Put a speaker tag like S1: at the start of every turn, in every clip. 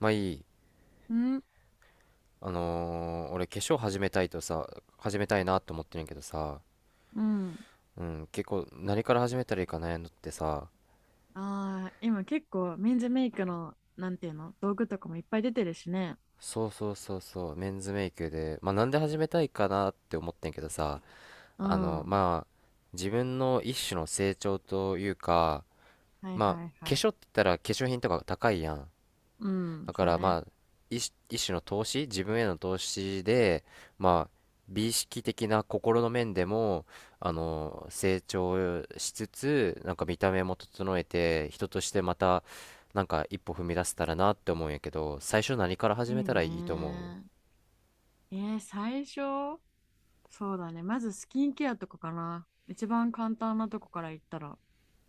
S1: まあいい。
S2: うん、
S1: 俺化粧始めたいとさ、始めたいなと思ってるんやけどさ、
S2: うん。
S1: うん、結構何から始めたらいいか悩んどってさ、
S2: ああ、今結構メンズメイクの、なんていうの、道具とかもいっぱい出てるしね。
S1: そうそうそうそう、メンズメイクで、まあなんで始めたいかなって思ってんけどさ、
S2: うん。は
S1: まあ、自分の一種の成長というか、
S2: い
S1: まあ、
S2: はいは
S1: 化
S2: い。
S1: 粧って言ったら化粧品とか高いやん。
S2: うん、
S1: だか
S2: そう
S1: らま
S2: ね。
S1: あ一種の投資、自分への投資で、まあ、美意識的な心の面でも、成長しつつ、なんか見た目も整えて、人としてまた、なんか一歩踏み出せたらなって思うんやけど、最初何から
S2: いい
S1: 始めたらいいと思う？
S2: ね。最初、そうだね。まずスキンケアとかかな。一番簡単なとこからいったら。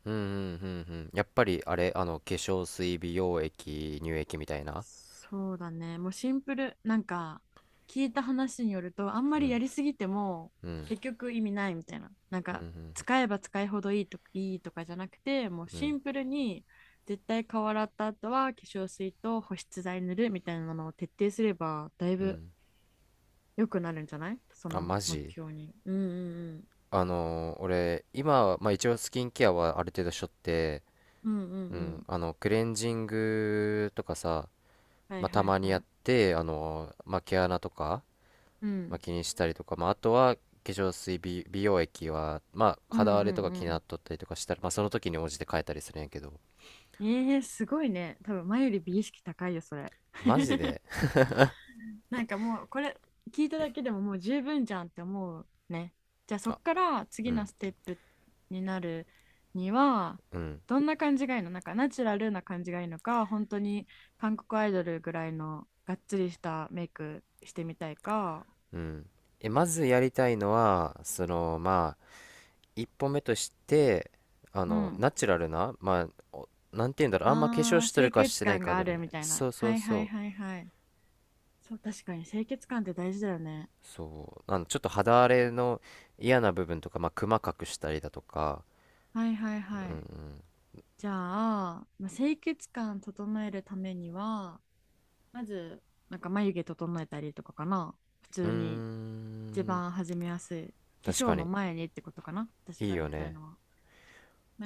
S1: うんうんうんうん。やっぱりあれ、化粧水、美容液、乳液みたいな。
S2: そうだね。もうシンプル。聞いた話によると、あんま
S1: う
S2: り
S1: ん
S2: やりすぎても、
S1: うん
S2: 結局意味ないみたいな。なん
S1: う
S2: か、
S1: ん
S2: 使えば使いほどいいとか、いいとかじゃなくて、もう
S1: う
S2: シ
S1: ん
S2: ンプルに、絶対顔洗った後は化粧水と保湿剤塗るみたいなのを徹底すれば、だい
S1: うんう
S2: ぶ
S1: ん。
S2: 良くなるんじゃない、そ
S1: あ、
S2: の
S1: マ
S2: 目
S1: ジ。
S2: 標に。うんうんうん。
S1: 俺今は、まあ、一応スキンケアはある程度しとって、
S2: うんうんう
S1: う
S2: ん。
S1: ん、クレンジングとかさ、
S2: は
S1: ま
S2: い
S1: あ、た
S2: はい
S1: まに
S2: は
S1: やっ
S2: い。
S1: てまあ、毛穴とか、
S2: う
S1: まあ、
S2: ん。
S1: 気にしたりとか、まあ、あとは化粧水美容液は、まあ、
S2: うん
S1: 肌荒
S2: う
S1: れと
S2: ん
S1: か
S2: う
S1: 気にな
S2: ん。
S1: っとったりとかしたら、まあ、その時に応じて変えたりするんやけど。
S2: ええー、すごいね。多分前より美意識高いよ、それ。
S1: マジで。
S2: なんかもうこれ聞いただけでももう十分じゃんって思うね。じゃあそっ
S1: あ。
S2: から
S1: う
S2: 次の
S1: ん
S2: ステップになるには、
S1: うん
S2: どんな感じがいいの？なんかナチュラルな感じがいいのか、本当に韓国アイドルぐらいのがっつりしたメイクしてみたいか。
S1: うん。まずやりたいのはそのまあ一歩目として、
S2: うん。
S1: ナチュラルな、まあ、なんて言うんだろう、あんま化粧
S2: あ
S1: し
S2: ー、
S1: とる
S2: 清
S1: かし
S2: 潔
S1: てない
S2: 感
S1: か
S2: が
S1: ぐ
S2: あ
S1: らい
S2: る
S1: ね。
S2: みたいな。
S1: そうそ
S2: は
S1: う
S2: いはい
S1: そう
S2: はいはい。そう、確かに清潔感って大事だよね。
S1: そう。ちょっと肌荒れの嫌な部分とか、まあクマ隠したりだとか。
S2: はいはいはい。じゃあ、まあ、清潔感整えるためには、まず、なんか眉毛整えたりとかかな。普
S1: うー
S2: 通に一
S1: ん、
S2: 番始めやすい。化
S1: 確
S2: 粧
S1: か
S2: の
S1: に
S2: 前にってことかな、私
S1: い
S2: が
S1: い
S2: 言
S1: よ
S2: いたい
S1: ね。
S2: のは。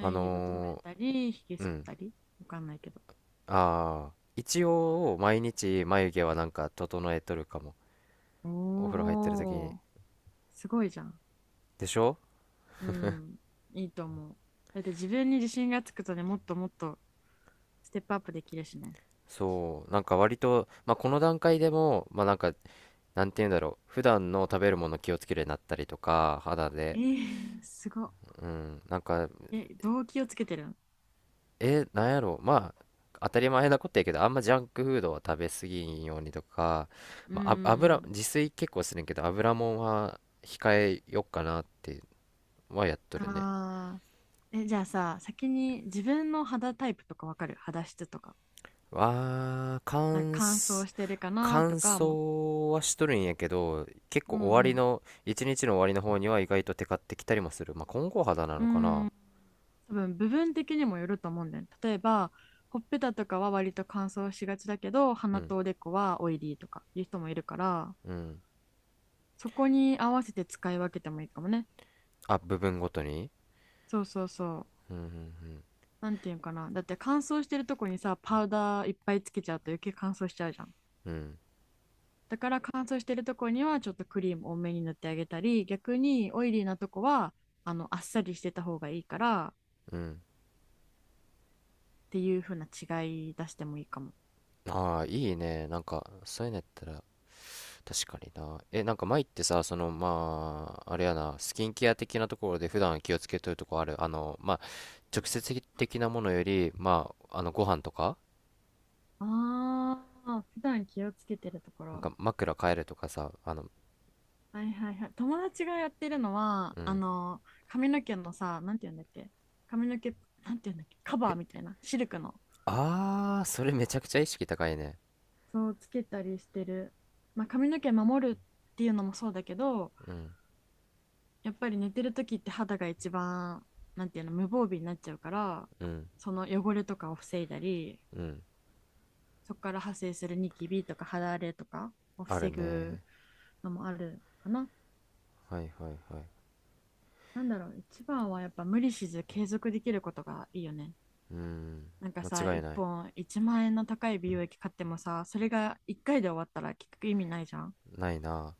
S1: あ
S2: 毛整え
S1: の
S2: たり、ひげ
S1: う
S2: 剃っ
S1: ん。
S2: たり。わかんないけど。
S1: ああー、一応毎日眉毛はなんか整えとるかも。お風呂入ってる時に。
S2: おー、すごいじゃん。
S1: でしょ。
S2: うん、いいと思う。だって自分に自信がつくとね、もっともっとステップアップできるしね。
S1: そう、なんか割とまあこの段階でもまあなんか、なんて言うんだろう、普段の食べるもの気をつけるようになったりとか、肌
S2: え
S1: で、
S2: ー、すごっ。
S1: うん、なんか、
S2: え、動機をつけてるん？
S1: え、なんやろう、まあ、当たり前なことやけど、あんまジャンクフードは食べ過ぎんようにとか、
S2: うんう
S1: まあ、油、
S2: ん
S1: 自炊結構するんけど、油もんは控えよっかなってはやっと
S2: うん。
S1: るね。
S2: あー、え、じゃあさ、先に自分の肌タイプとかわかる？肌質とか。
S1: わー、
S2: なんか乾燥してるかなと
S1: 乾
S2: かも。う、
S1: 燥はしとるんやけど、結
S2: う
S1: 構終わり
S2: ん
S1: の、一日の終わりの方には意外とテカってきたりもする。まあ、混合肌な
S2: う
S1: のか
S2: ん、
S1: な？
S2: うーん、多分部分的にもよると思うんだよね。例えばほっぺたとかは割と乾燥しがちだけど、
S1: う
S2: 鼻
S1: ん、
S2: とおでこはオイリーとかいう人もいるから、
S1: うん。
S2: そこに合わせて使い分けてもいいかもね。
S1: あ、部分ごとに。
S2: そうそうそう。
S1: うんうん
S2: なんていうんかな、だって乾燥してるとこにさ、パウダーいっぱいつけちゃうと余計乾燥しちゃうじゃん。
S1: うんうん
S2: だから乾燥してるとこにはちょっとクリーム多めに塗ってあげたり、逆にオイリーなとこはあっさりしてた方がいいから
S1: うん。
S2: っていう風な違い出してもいいかも。
S1: ああー、いいね、なんかそういうのやったら。確かにな、え、なんか前ってさ、そのまああれやな、スキンケア的なところで普段気をつけとるとこある？まあ直接的なものよりまあ、ご飯とか、
S2: ああ、普段気をつけてるとこ
S1: なん
S2: ろ。
S1: か枕変えるとかさ。
S2: はいはいはい。友達がやってるのは、
S1: う
S2: あ
S1: ん。
S2: の、髪の毛のさ、なんて言うんだっけ、髪の毛、なんて言うんだっけ、カバーみたいな、シルクの。
S1: ああー、それめちゃくちゃ意識高いね。
S2: そう、つけたりしてる。まあ、髪の毛守るっていうのもそうだけど、
S1: うん
S2: やっぱり寝てる時って肌が一番、なんていうの、無防備になっちゃうから、
S1: うん
S2: その汚れとかを防いだり、
S1: うん。
S2: そこから派生するニキビとか肌荒れとかを
S1: ある
S2: 防ぐ
S1: ね。
S2: のもあるかな。
S1: はいはいはい。
S2: なんだろう、一番はやっぱ無理せず継続できることがいいよね。
S1: うん。
S2: なんかさ、
S1: 間違い
S2: 1
S1: ない。
S2: 本1万円の高い美容液買ってもさ、それが1回で終わったら結局意味ないじゃん。
S1: ないな。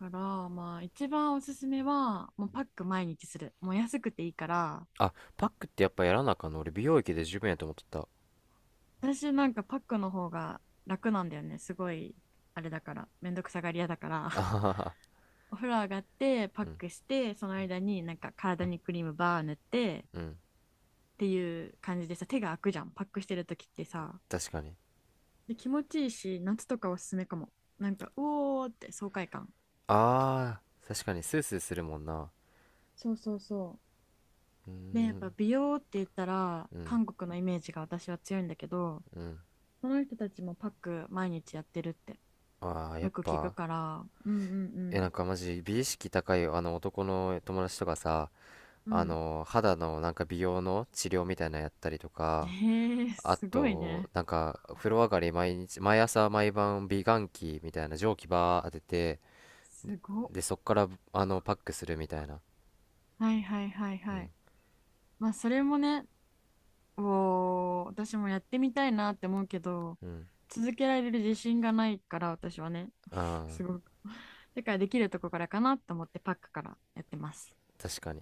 S2: だから、まあ一番おすすめは、もうパック毎日する。もう安くていいから。
S1: あ、パックってやっぱやらなあかんの？俺美容液で十分やと思っとった。
S2: 私なんかパックの方が楽なんだよね。すごい、あれだから、めんどくさがり屋だから。
S1: あははは。
S2: お風呂上がってパッ
S1: うん、
S2: クして、その間になんか体にクリームバー塗ってっ
S1: うん。
S2: ていう感じで、さ手が開くじゃんパックしてる時って。さ
S1: 確かに。
S2: で気持ちいいし、夏とかおすすめかも。なんかうおーって爽快感。
S1: ああ、確かにスースーするもんな。
S2: そうそうそ
S1: うー
S2: う。でやっぱ
S1: ん、
S2: 美容って言ったら
S1: うん、
S2: 韓国のイメージが私は強いんだけど、
S1: うん。
S2: その人たちもパック毎日やってるって
S1: ああ、やっ
S2: よく聞く
S1: ぱ、
S2: から。う。うんう
S1: なん
S2: ん
S1: かマジ美意識高いあの男の友達とかさ、
S2: うん。
S1: 肌のなんか美容の治療みたいなのやったりと
S2: うん。
S1: か、
S2: へえ、
S1: あ
S2: すごい
S1: と、
S2: ね。
S1: なんか、風呂上がり毎日、毎朝毎晩美顔器みたいな蒸気バー当てて、
S2: すご
S1: で、
S2: っ。
S1: そっから、パックするみたいな。
S2: はいはいはい
S1: う
S2: は
S1: ん、
S2: い。まあ、それもね、おー、私もやってみたいなって思うけど、
S1: うん。
S2: 続けられる自信がないから、私はね、
S1: ああ、
S2: すごく。だからできるとこからかなと思ってパックからやってます。
S1: 確かに。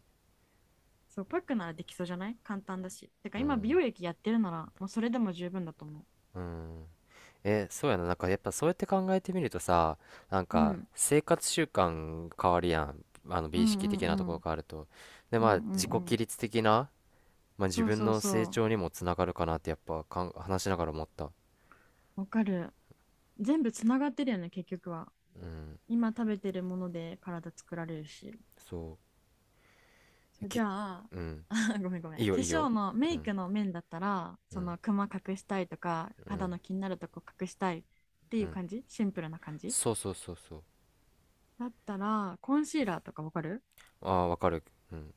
S2: そう、パックならできそうじゃない？簡単だし。てか
S1: う
S2: 今、美
S1: ん、
S2: 容液やってるなら、もうそれでも十分だと思
S1: うん。え、そうやな。なんかやっぱそうやって考えてみるとさ、なん
S2: う。う
S1: か
S2: ん。
S1: 生活習慣変わるやん。あの
S2: う
S1: 美意
S2: ん
S1: 識
S2: う
S1: 的
S2: んう
S1: なところ
S2: ん。
S1: 変わると。で、
S2: う
S1: まあ
S2: んうん
S1: 自己
S2: う
S1: 規
S2: ん。
S1: 律的な、まあ自
S2: そう
S1: 分
S2: そう
S1: の成
S2: そ
S1: 長にもつながるかなってやっぱ話しながら思った。
S2: う。わかる。全部つながってるよね、結局は。
S1: うん、
S2: 今食べてるもので体作られるし。
S1: そう。え
S2: そうじ
S1: き、
S2: ゃあ、
S1: うん。
S2: あ ごめんごめん、
S1: いい
S2: 化
S1: よ、いいよ。
S2: 粧の
S1: う
S2: メイ
S1: ん、
S2: クの面だったら、
S1: う
S2: そ
S1: ん、
S2: のクマ隠したいとか
S1: う
S2: 肌
S1: ん、
S2: の気になるとこ隠したいってい
S1: う
S2: う
S1: ん。
S2: 感じ、シンプルな感じ
S1: そうそうそうそう。
S2: だったらコンシーラーとかわかる？
S1: ああ、わかる。うん。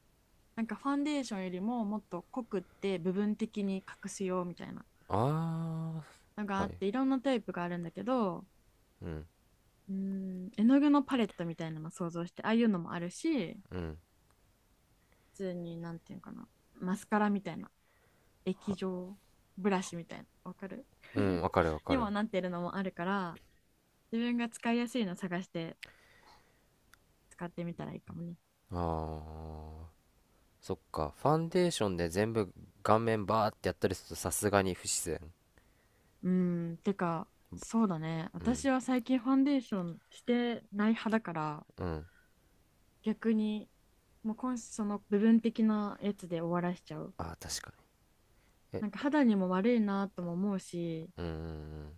S2: なんかファンデーションよりももっと濃くって部分的に隠すよみたいな
S1: あ
S2: のが
S1: あ、
S2: あ
S1: は
S2: っ
S1: い。
S2: て、いろんなタイプがあるんだけど、
S1: うん、
S2: うーん絵の具のパレットみたいなの想像して、ああいうのもあるし、
S1: うん、
S2: 普通になんていうのかな、マスカラみたいな液状、ブラシみたいな、わかる？
S1: うん、わかるわか
S2: にも
S1: る。
S2: なってるのもあるから、自分が使いやすいの探して使ってみたらいいかもね。
S1: あー、そっか。ファンデーションで全部顔面バーってやったりするとさすがに不自然。
S2: うん、てか、そうだね、
S1: うん。
S2: 私は最近ファンデーションしてない派だから、
S1: うん。
S2: 逆にもう今その部分的なやつで終わらしちゃう。
S1: あー、確かに。え、
S2: なんか肌にも悪いなとも思うし、
S1: うーん。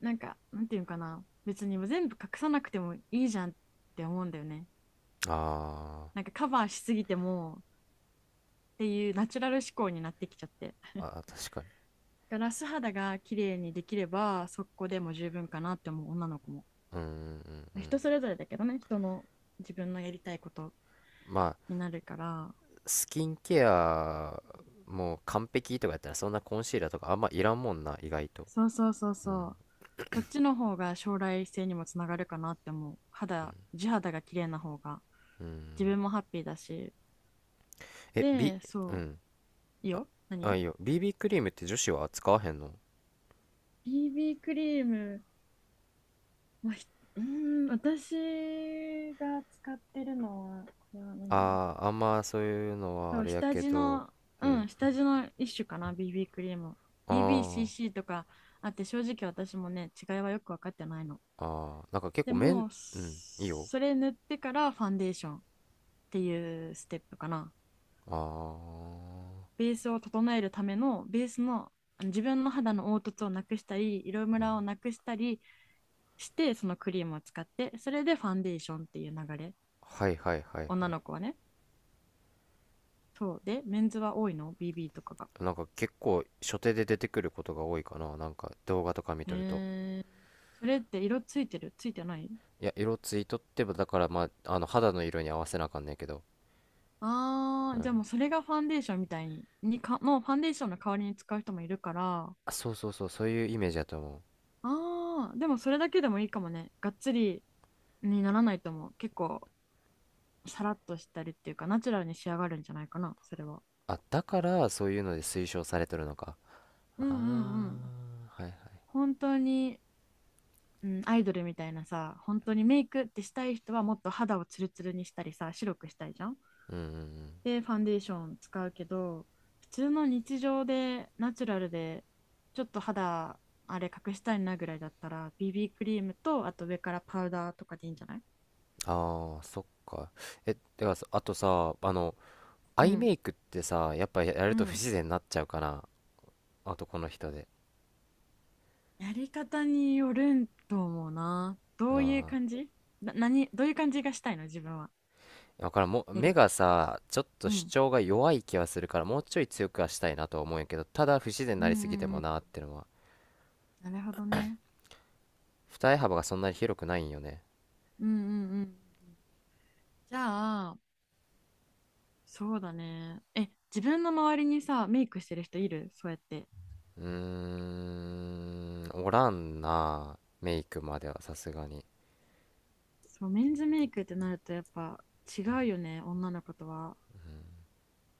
S2: なんかなんていうのかな、別に全部隠さなくてもいいじゃんって思うんだよね。
S1: あ
S2: なんかカバーしすぎてもっていう、ナチュラル思考になってきちゃって、
S1: ー、あー、確かに。
S2: だから素肌が綺麗にできればそこでも十分かなって思う女の子も。
S1: うん、うん、うんうん。
S2: 人それぞれだけどね、人の、自分のやりたいこと
S1: まあ、
S2: になるから。
S1: スキンケアもう完璧とかやったらそんなコンシーラーとかあんまいらんもんな、意外と。
S2: そうそうそう
S1: うん、
S2: そう。そっちの方が将来性にもつながるかなって思う。肌、地肌が綺麗な方が
S1: う
S2: 自
S1: ん。
S2: 分もハッピーだし。
S1: え、B、
S2: で
S1: う
S2: そ
S1: ん。
S2: う、いいよ
S1: あ、
S2: 何。
S1: いいよ。b クリームって女子は使わへんの？
S2: BB クリーム、まあ、ひ、うーん、私が使ってるのはこれは何、
S1: ああー、あんまそういうのは
S2: そ
S1: あ
S2: う、
S1: れや
S2: 下
S1: け
S2: 地
S1: ど、
S2: の、
S1: う
S2: う
S1: ん。
S2: ん、下地の一種かな、BB クリーム。
S1: あー。
S2: BBCC とかあって、正直私もね、違いはよく分かってないの。
S1: ああ、なんか結
S2: で
S1: 構
S2: も
S1: うん、いいよ。
S2: それ塗ってからファンデーションっていうステップかな。
S1: ああ、
S2: ベースを整えるための、ベースの、あの自分の肌の凹凸をなくしたり、色ムラをなくしたりして、そのクリームを使って、それでファンデーションっていう流れ。
S1: はいはいはいは
S2: 女の子はね。そう。で、メンズは多いの？ BB とかが。
S1: い。なんか結構初手で出てくることが多いかな。なんか動画とか見
S2: へ
S1: とると。
S2: え。それって色ついてる？ついてない？
S1: いや、色ついとってば、だからまあ、あの肌の色に合わせなあかんねんけど。
S2: あ
S1: う
S2: あー、じ
S1: ん。
S2: ゃあもうそれがファンデーションみたいに、にか、のファンデーションの代わりに使う人もいるから。
S1: あ、そうそうそう、そういうイメージやと思う。
S2: ああ、でもそれだけでもいいかもね。がっつりにならないと思う。結構、さらっとしたりっていうか、ナチュラルに仕上がるんじゃないかな、それは。
S1: あ、だからそういうので推奨されてるのか。
S2: うんうんう
S1: あ
S2: ん。
S1: あ、はいはい。
S2: 本当に、うん、アイドルみたいなさ、本当にメイクってしたい人はもっと肌をツルツルにしたりさ、白くしたいじゃん。
S1: うんうんうん。
S2: でファンデーション使うけど、普通の日常でナチュラルでちょっと肌あれ隠したいなぐらいだったら、 BB クリームとあと上からパウダーとかでいいんじゃない？
S1: ああ、そっか。え、ではさ、あとさ、ア
S2: う
S1: イメ
S2: ん
S1: イクってさ、やっぱや
S2: う
S1: ると不
S2: ん。
S1: 自然になっちゃうかな？男の人で。
S2: やり方によるんと思うな。どういう
S1: あ
S2: 感じな？何どういう感じがしたいの自分は？
S1: あ、わからん。もう、
S2: やり
S1: 目
S2: た
S1: が
S2: い。
S1: さ、ちょっと
S2: う
S1: 主
S2: ん
S1: 張が弱い気はするから、もうちょい強くはしたいなとは思うんやけど、ただ不自然に
S2: うん
S1: な
S2: う
S1: りすぎて
S2: んう
S1: も
S2: ん。
S1: なーってのは。
S2: なるほどね。
S1: 二重幅がそんなに広くないんよね。
S2: うんうんうん。じゃあ、そうだね、え自分の周りにさメイクしてる人いる？そうやって。
S1: うーん、おらんな。メイクまではさすがに。
S2: そう、メンズメイクってなるとやっぱ違うよね、女の子とは。